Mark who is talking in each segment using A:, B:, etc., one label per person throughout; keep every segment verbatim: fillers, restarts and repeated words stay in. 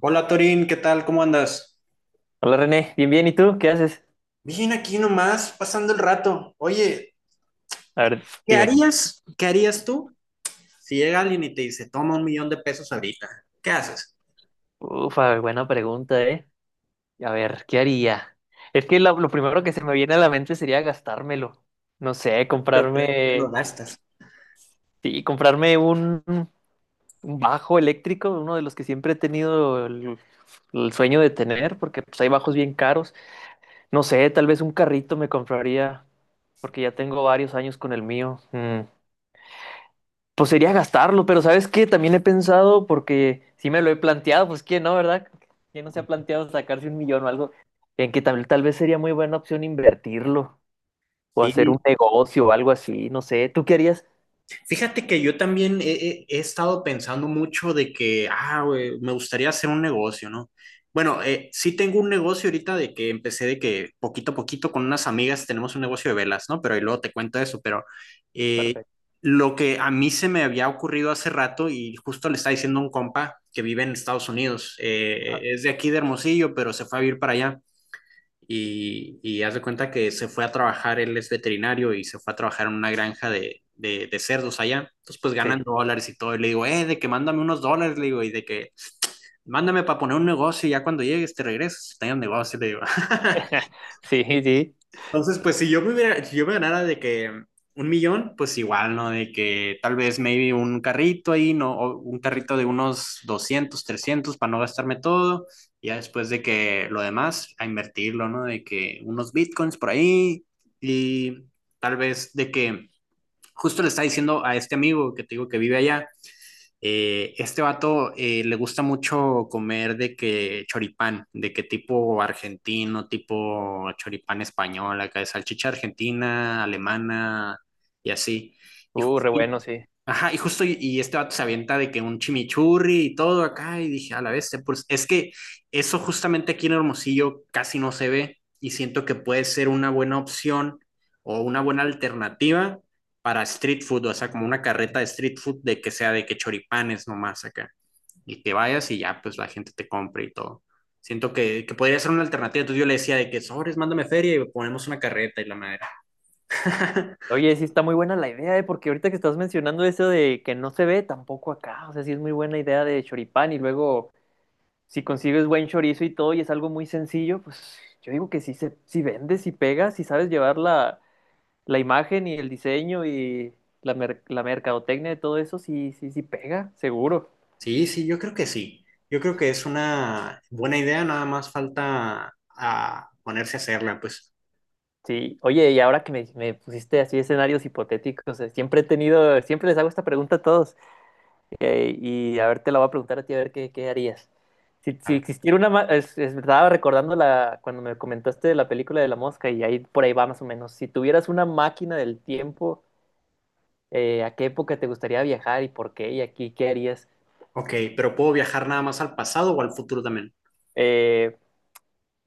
A: Hola Torín, ¿qué tal? ¿Cómo andas?
B: Hola René, bien, bien, ¿y tú? ¿Qué haces?
A: Bien, aquí nomás, pasando el rato. Oye,
B: A ver,
A: ¿qué
B: dime.
A: harías? ¿Qué harías tú si llega alguien y te dice, toma un millón de pesos ahorita? ¿Qué haces?
B: Ufa, buena pregunta, ¿eh? A ver, ¿qué haría? Es que lo, lo primero que se me viene a la mente sería gastármelo. No sé,
A: Lo, lo
B: comprarme,
A: gastas.
B: sí, comprarme un, un bajo eléctrico, uno de los que siempre he tenido el, el sueño de tener, porque pues, hay bajos bien caros. No sé, tal vez un carrito me compraría, porque ya tengo varios años con el mío. Mm, Pues sería gastarlo, pero ¿sabes qué? También he pensado, porque sí me lo he planteado, pues ¿quién no, verdad? ¿Quién no se ha planteado sacarse un millón o algo? En que tal, tal vez sería muy buena opción invertirlo o hacer un
A: Sí.
B: negocio o algo así, no sé. ¿Tú qué harías?
A: Fíjate que yo también he, he- he estado pensando mucho de que, ah, güey, me gustaría hacer un negocio, ¿no? Bueno, eh, sí tengo un negocio ahorita de que empecé de que poquito a poquito con unas amigas tenemos un negocio de velas, ¿no? Pero ahí luego te cuento eso, pero eh,
B: Perfecto.
A: lo que a mí se me había ocurrido hace rato y justo le está diciendo a un compa que vive en Estados Unidos, eh, es de aquí de Hermosillo, pero se fue a vivir para allá y, y haz de cuenta que se fue a trabajar, él es veterinario y se fue a trabajar en una granja de, de, de cerdos allá. Entonces, pues
B: Sí,
A: ganan dólares y todo. Y le digo, eh, de que mándame unos dólares, le digo, y de que mándame para poner un negocio y ya cuando llegues te regresas, tenga un negocio, le digo.
B: sí, sí.
A: Entonces, pues si yo me hubiera, si yo me ganara de que un millón, pues igual, ¿no? De que tal vez maybe un carrito ahí, ¿no? O un carrito de unos doscientos trescientos para no gastarme todo. Y ya después de que lo demás, a invertirlo, ¿no? De que unos bitcoins por ahí y tal vez de que justo le estaba diciendo a este amigo que te digo que vive allá, eh, este vato eh, le gusta mucho comer de que choripán, de que tipo argentino, tipo choripán español, acá de salchicha argentina, alemana y así. Y, ju-
B: Uh, re
A: y-
B: bueno, sí.
A: ajá, y justo y, y este vato se avienta de que un chimichurri y todo acá y dije, a la vez, pues es que eso justamente aquí en Hermosillo casi no se ve y siento que puede ser una buena opción o una buena alternativa para street food, o sea, como una carreta de street food de que sea de que choripanes nomás acá. Y que vayas y ya, pues la gente te compre y todo. Siento que, que podría ser una alternativa. Entonces yo le decía de que sobres, mándame feria y ponemos una carreta y la madera.
B: Oye, sí está muy buena la idea, ¿eh? Porque ahorita que estás mencionando eso de que no se ve tampoco acá, o sea, sí es muy buena idea de choripán y luego si consigues buen chorizo y todo y es algo muy sencillo, pues yo digo que si, se, si vendes, si pegas, si sabes llevar la, la imagen y el diseño y la, mer- la mercadotecnia de todo eso, sí, sí, sí pega, seguro.
A: Sí, sí, yo creo que sí. Yo creo que es una buena idea, nada más falta a ponerse a hacerla, pues.
B: Sí, oye, y ahora que me, me pusiste así escenarios hipotéticos, eh, siempre he tenido, siempre les hago esta pregunta a todos eh, y a ver, te la voy a preguntar a ti a ver qué, qué harías. Si,
A: A
B: si
A: ver.
B: existiera una, ma- es, es- estaba recordando la, cuando me comentaste de la película de la mosca y ahí por ahí va más o menos. Si tuvieras una máquina del tiempo, eh, a qué época te gustaría viajar y por qué y aquí qué harías.
A: Ok, pero ¿puedo viajar nada más al pasado o al futuro también?
B: Eh,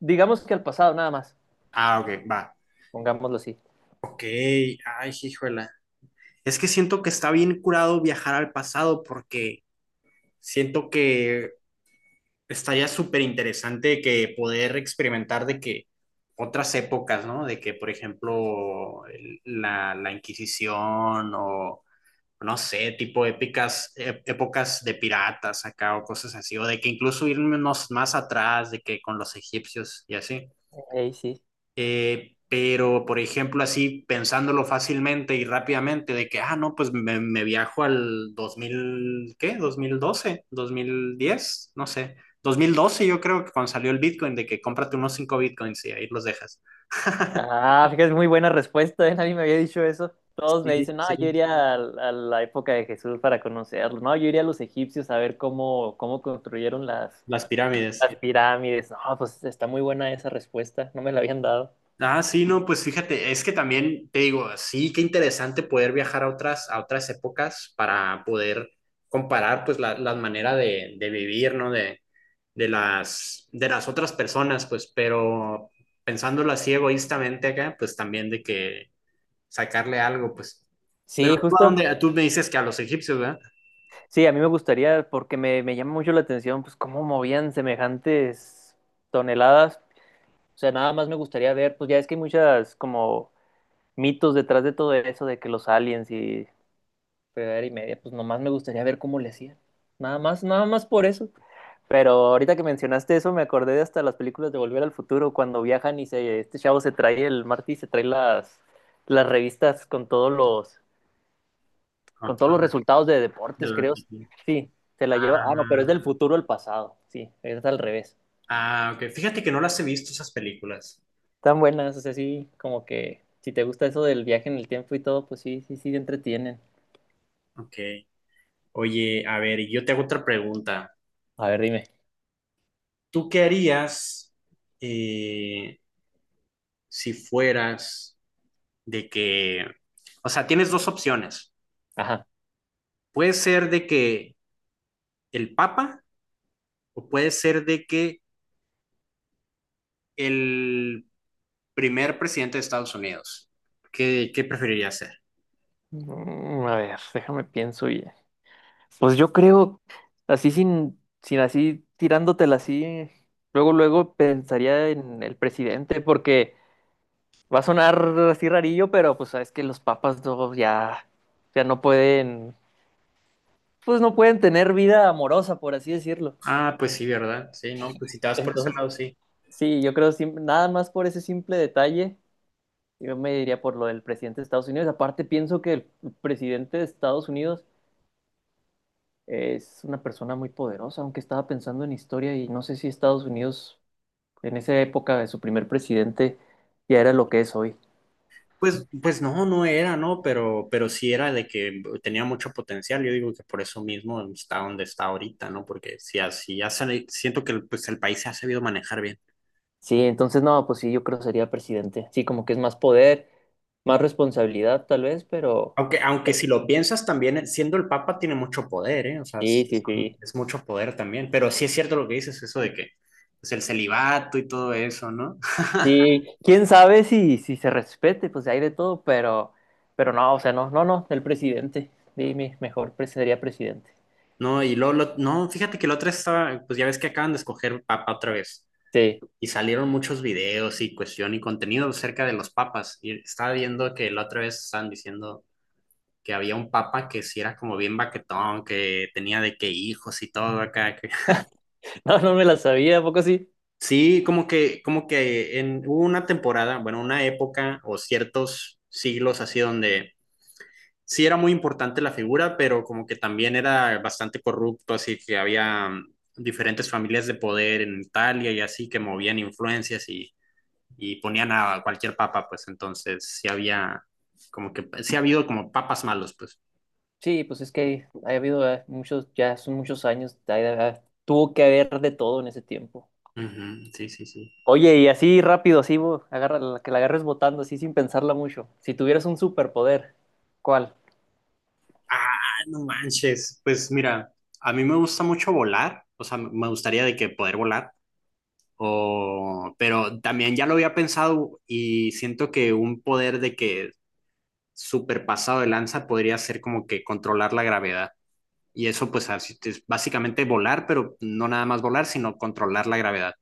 B: digamos que al pasado nada más,
A: Ah, ok, va.
B: pongámoslo así.
A: Ok, ay, híjole. Es que siento que está bien curado viajar al pasado porque siento que estaría súper interesante que poder experimentar de que otras épocas, ¿no? De que, por ejemplo, el- la, la Inquisición o, no sé, tipo épicas, ép- épocas de piratas acá o cosas así, o de que incluso irnos más atrás, de que con los egipcios y así.
B: Ey, sí.
A: Eh, pero, por ejemplo, así pensándolo fácilmente y rápidamente, de que, ah, no, pues me, me viajo al dos mil ¿qué? dos dos mil doce dos mil diez, no sé. Dos mil doce yo creo que cuando salió el Bitcoin, de que cómprate unos cinco Bitcoins y ahí los dejas.
B: Ah, fíjate, es muy buena respuesta, ¿eh? Nadie me había dicho eso. Todos me
A: Sí,
B: dicen, no, yo
A: sí.
B: iría a, a la época de Jesús para conocerlo. No, yo iría a los egipcios a ver cómo, cómo construyeron las,
A: Las pirámides.
B: las pirámides. No, pues está muy buena esa respuesta, no me la habían dado.
A: Ah, sí, no, pues fíjate, es que también te digo, sí, qué interesante poder viajar a otras, a otras épocas para poder comparar pues la, la manera de, de vivir, ¿no? De, de las, de las otras personas, pues, pero pensándolo así egoístamente acá, pues también de que sacarle algo, pues. Pero
B: Sí,
A: tú, ¿a
B: justo.
A: dónde? Tú me dices que a los egipcios, ¿verdad?
B: Sí, a mí me gustaría, porque me, me llama mucho la atención, pues cómo movían semejantes toneladas. O sea, nada más me gustaría ver, pues ya es que hay muchas como mitos detrás de todo eso, de que los aliens y fregadera y media, pues nomás me gustaría ver cómo le hacían. Nada más, nada más por eso. Pero ahorita que mencionaste eso, me acordé de hasta las películas de Volver al Futuro, cuando viajan y se, este chavo se trae, el Marty se trae las, las revistas con todos los,
A: No,
B: con
A: tú
B: todos los
A: hablas
B: resultados de
A: de
B: deportes,
A: la
B: creo.
A: religión.
B: Sí, se la lleva. Ah, no, pero es del
A: Ah,
B: futuro al pasado. Sí, es al revés.
A: ah, ok. Fíjate que no las he visto esas películas.
B: Tan buenas, o sea, sí, como que si te gusta eso del viaje en el tiempo y todo, pues sí, sí, sí, te entretienen.
A: Ok. Oye, a ver, yo te hago otra pregunta.
B: A ver, dime.
A: ¿Tú qué harías eh, si fueras de que, o sea, tienes dos opciones.
B: Ajá.
A: Puede ser de que el Papa o puede ser de que el primer presidente de Estados Unidos, ¿qué, qué preferiría ser?
B: Mm, A ver, déjame pienso y pues yo creo así sin sin así tirándotela así luego luego pensaría en el presidente porque va a sonar así rarillo pero pues sabes que los papas no ya ya no pueden, pues no pueden tener vida amorosa por así decirlo,
A: Ah, pues sí, ¿verdad? Sí, no, pues si te vas por ese
B: entonces
A: lado, sí.
B: sí yo creo sim- nada más por ese simple detalle yo me diría por lo del presidente de Estados Unidos. Aparte, pienso que el presidente de Estados Unidos es una persona muy poderosa, aunque estaba pensando en historia y no sé si Estados Unidos en esa época de su primer presidente ya era lo que es hoy.
A: Pues, pues no, no era, ¿no? Pero, pero sí era de que tenía mucho potencial. Yo digo que por eso mismo está donde está ahorita, ¿no? Porque si así ya sale- siento que el- pues el país se ha sabido manejar bien.
B: Sí, entonces no, pues sí, yo creo que sería presidente. Sí, como que es más poder, más responsabilidad tal vez, pero
A: Aunque, aunque si lo piensas también, eh, siendo el Papa tiene mucho poder, ¿eh? O sea,
B: sí,
A: es,
B: sí, sí.
A: es mucho poder también. Pero sí es cierto lo que dices, eso de que pues el celibato y todo eso, ¿no?
B: Sí, quién sabe si, si se respete, pues hay de todo, pero, pero no, o sea, no, no, no, el presidente. Dime, mejor pre- sería presidente.
A: No, y luego, lo- no, fíjate que la otra estaba, pues ya ves que acaban de escoger papa otra vez
B: Sí,
A: y salieron muchos videos y cuestión y contenido acerca de los papas y estaba viendo que la otra vez estaban diciendo que había un papa que sí era como bien baquetón, que tenía de qué hijos y todo acá. que-
B: no, no me la sabía, ¿a poco sí?
A: Sí, como que, como que en hubo una temporada, bueno, una época o ciertos siglos así donde sí era muy importante la figura, pero como que también era bastante corrupto, así que había mm, diferentes familias de poder en Italia y así que movían influencias y, y ponían a cualquier papa, pues entonces sí había como que sí ha habido como papas malos, pues.
B: Sí, pues es que ha habido eh, muchos, ya son muchos años, ha- ha- tuvo que haber de todo en ese tiempo.
A: Uh -huh, sí, sí, sí.
B: Oye, y así rápido, así, bo- agarra, la- que la agarres botando, así sin pensarla mucho. Si tuvieras un superpoder, ¿cuál?
A: Ah, no manches. Pues mira, a mí me gusta mucho volar, o sea, me gustaría de que poder volar. O, pero también ya lo había pensado y siento que un poder de que súper pasado de lanza podría ser como que controlar la gravedad. Y eso pues es básicamente volar, pero no nada más volar, sino controlar la gravedad.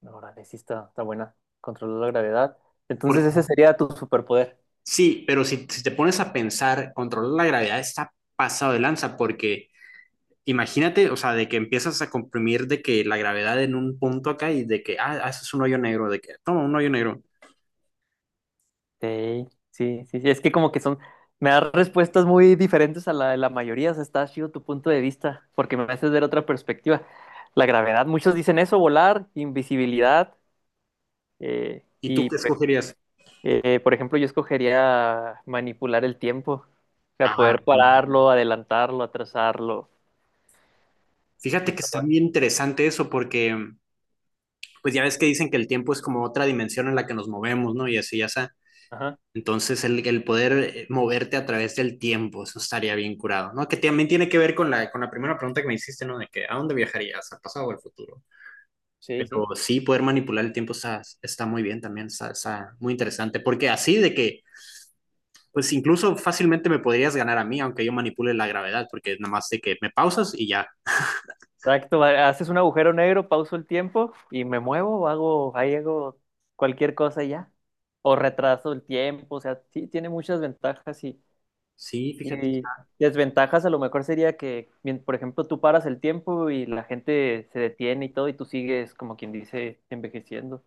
B: No, órale, sí está, está buena, controlar la gravedad. Entonces
A: Por-
B: ese sería tu superpoder.
A: sí, pero si, si te pones a pensar, controlar la gravedad está pasado de lanza porque imagínate, o sea, de que empiezas a comprimir de que la gravedad en un punto acá y de que, ah, ah, eso es un hoyo negro, de que, toma, un hoyo negro.
B: Sí, sí, sí, sí, es que como que son, me das respuestas muy diferentes a la de la mayoría, o sea, está chido tu punto de vista, porque me haces ver otra perspectiva. La gravedad, muchos dicen eso, volar, invisibilidad, eh,
A: ¿Y tú
B: y
A: qué
B: por, ej-
A: escogerías?
B: eh, por ejemplo yo escogería manipular el tiempo, o sea,
A: Ajá.
B: poder pararlo, adelantarlo, atrasarlo
A: Fíjate
B: y
A: que está
B: todo.
A: bien interesante eso porque pues ya ves que dicen que el tiempo es como otra dimensión en la que nos movemos, ¿no? Y así ya está.
B: Ajá,
A: Entonces, el, el poder eh, moverte a través del tiempo, eso estaría bien curado, ¿no? Que también tiene que ver con la, con la primera pregunta que me hiciste, ¿no? De que, ¿a dónde viajarías? ¿Al pasado o al futuro?
B: sí, sí.
A: Pero sí, poder manipular el tiempo está, está muy bien también, está, está muy interesante, porque así de que, pues incluso fácilmente me podrías ganar a mí, aunque yo manipule la gravedad, porque nada más de que me pausas y ya.
B: Exacto, ha- haces un agujero negro, pauso el tiempo y me muevo, hago, ahí hago cualquier cosa y ya. O retraso el tiempo, o sea, sí, tiene muchas ventajas y,
A: Sí, fíjate,
B: y desventajas a lo mejor sería que, mien- por ejemplo, tú paras el tiempo y la gente se detiene y todo y tú sigues, como quien dice, envejeciendo.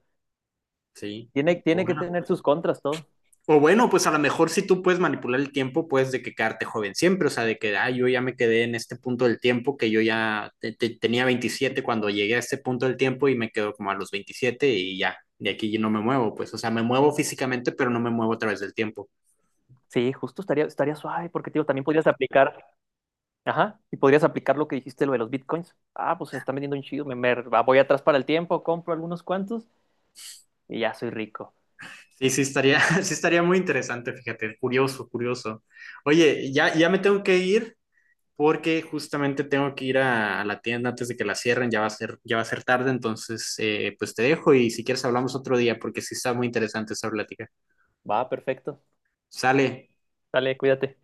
A: sí.
B: Tiene, tiene que
A: Bueno.
B: tener sus contras todo.
A: O bueno, pues a lo mejor si tú puedes manipular el tiempo, puedes de que quedarte joven siempre, o sea, de que, ah, yo ya me quedé en este punto del tiempo, que yo ya te- te- tenía veintisiete cuando llegué a este punto del tiempo y me quedo como a los veintisiete y ya, de aquí yo no me muevo, pues, o sea, me muevo físicamente, pero no me muevo a través del tiempo.
B: Sí, justo estaría, estaría suave porque, tío, también podrías aplicar, ajá, y podrías aplicar lo que dijiste, lo de los bitcoins. Ah, pues se están vendiendo un chido, me, me ah, voy atrás para el tiempo, compro algunos cuantos y ya soy rico.
A: Sí, sí estaría, sí estaría muy interesante, fíjate, curioso, curioso. Oye, ya, ya me tengo que ir, porque justamente tengo que ir a, a la tienda antes de que la cierren, ya va a ser, ya va a ser tarde, entonces eh, pues te dejo y si quieres hablamos otro día porque sí está muy interesante esa plática.
B: Va, perfecto.
A: Sale.
B: Dale, cuídate.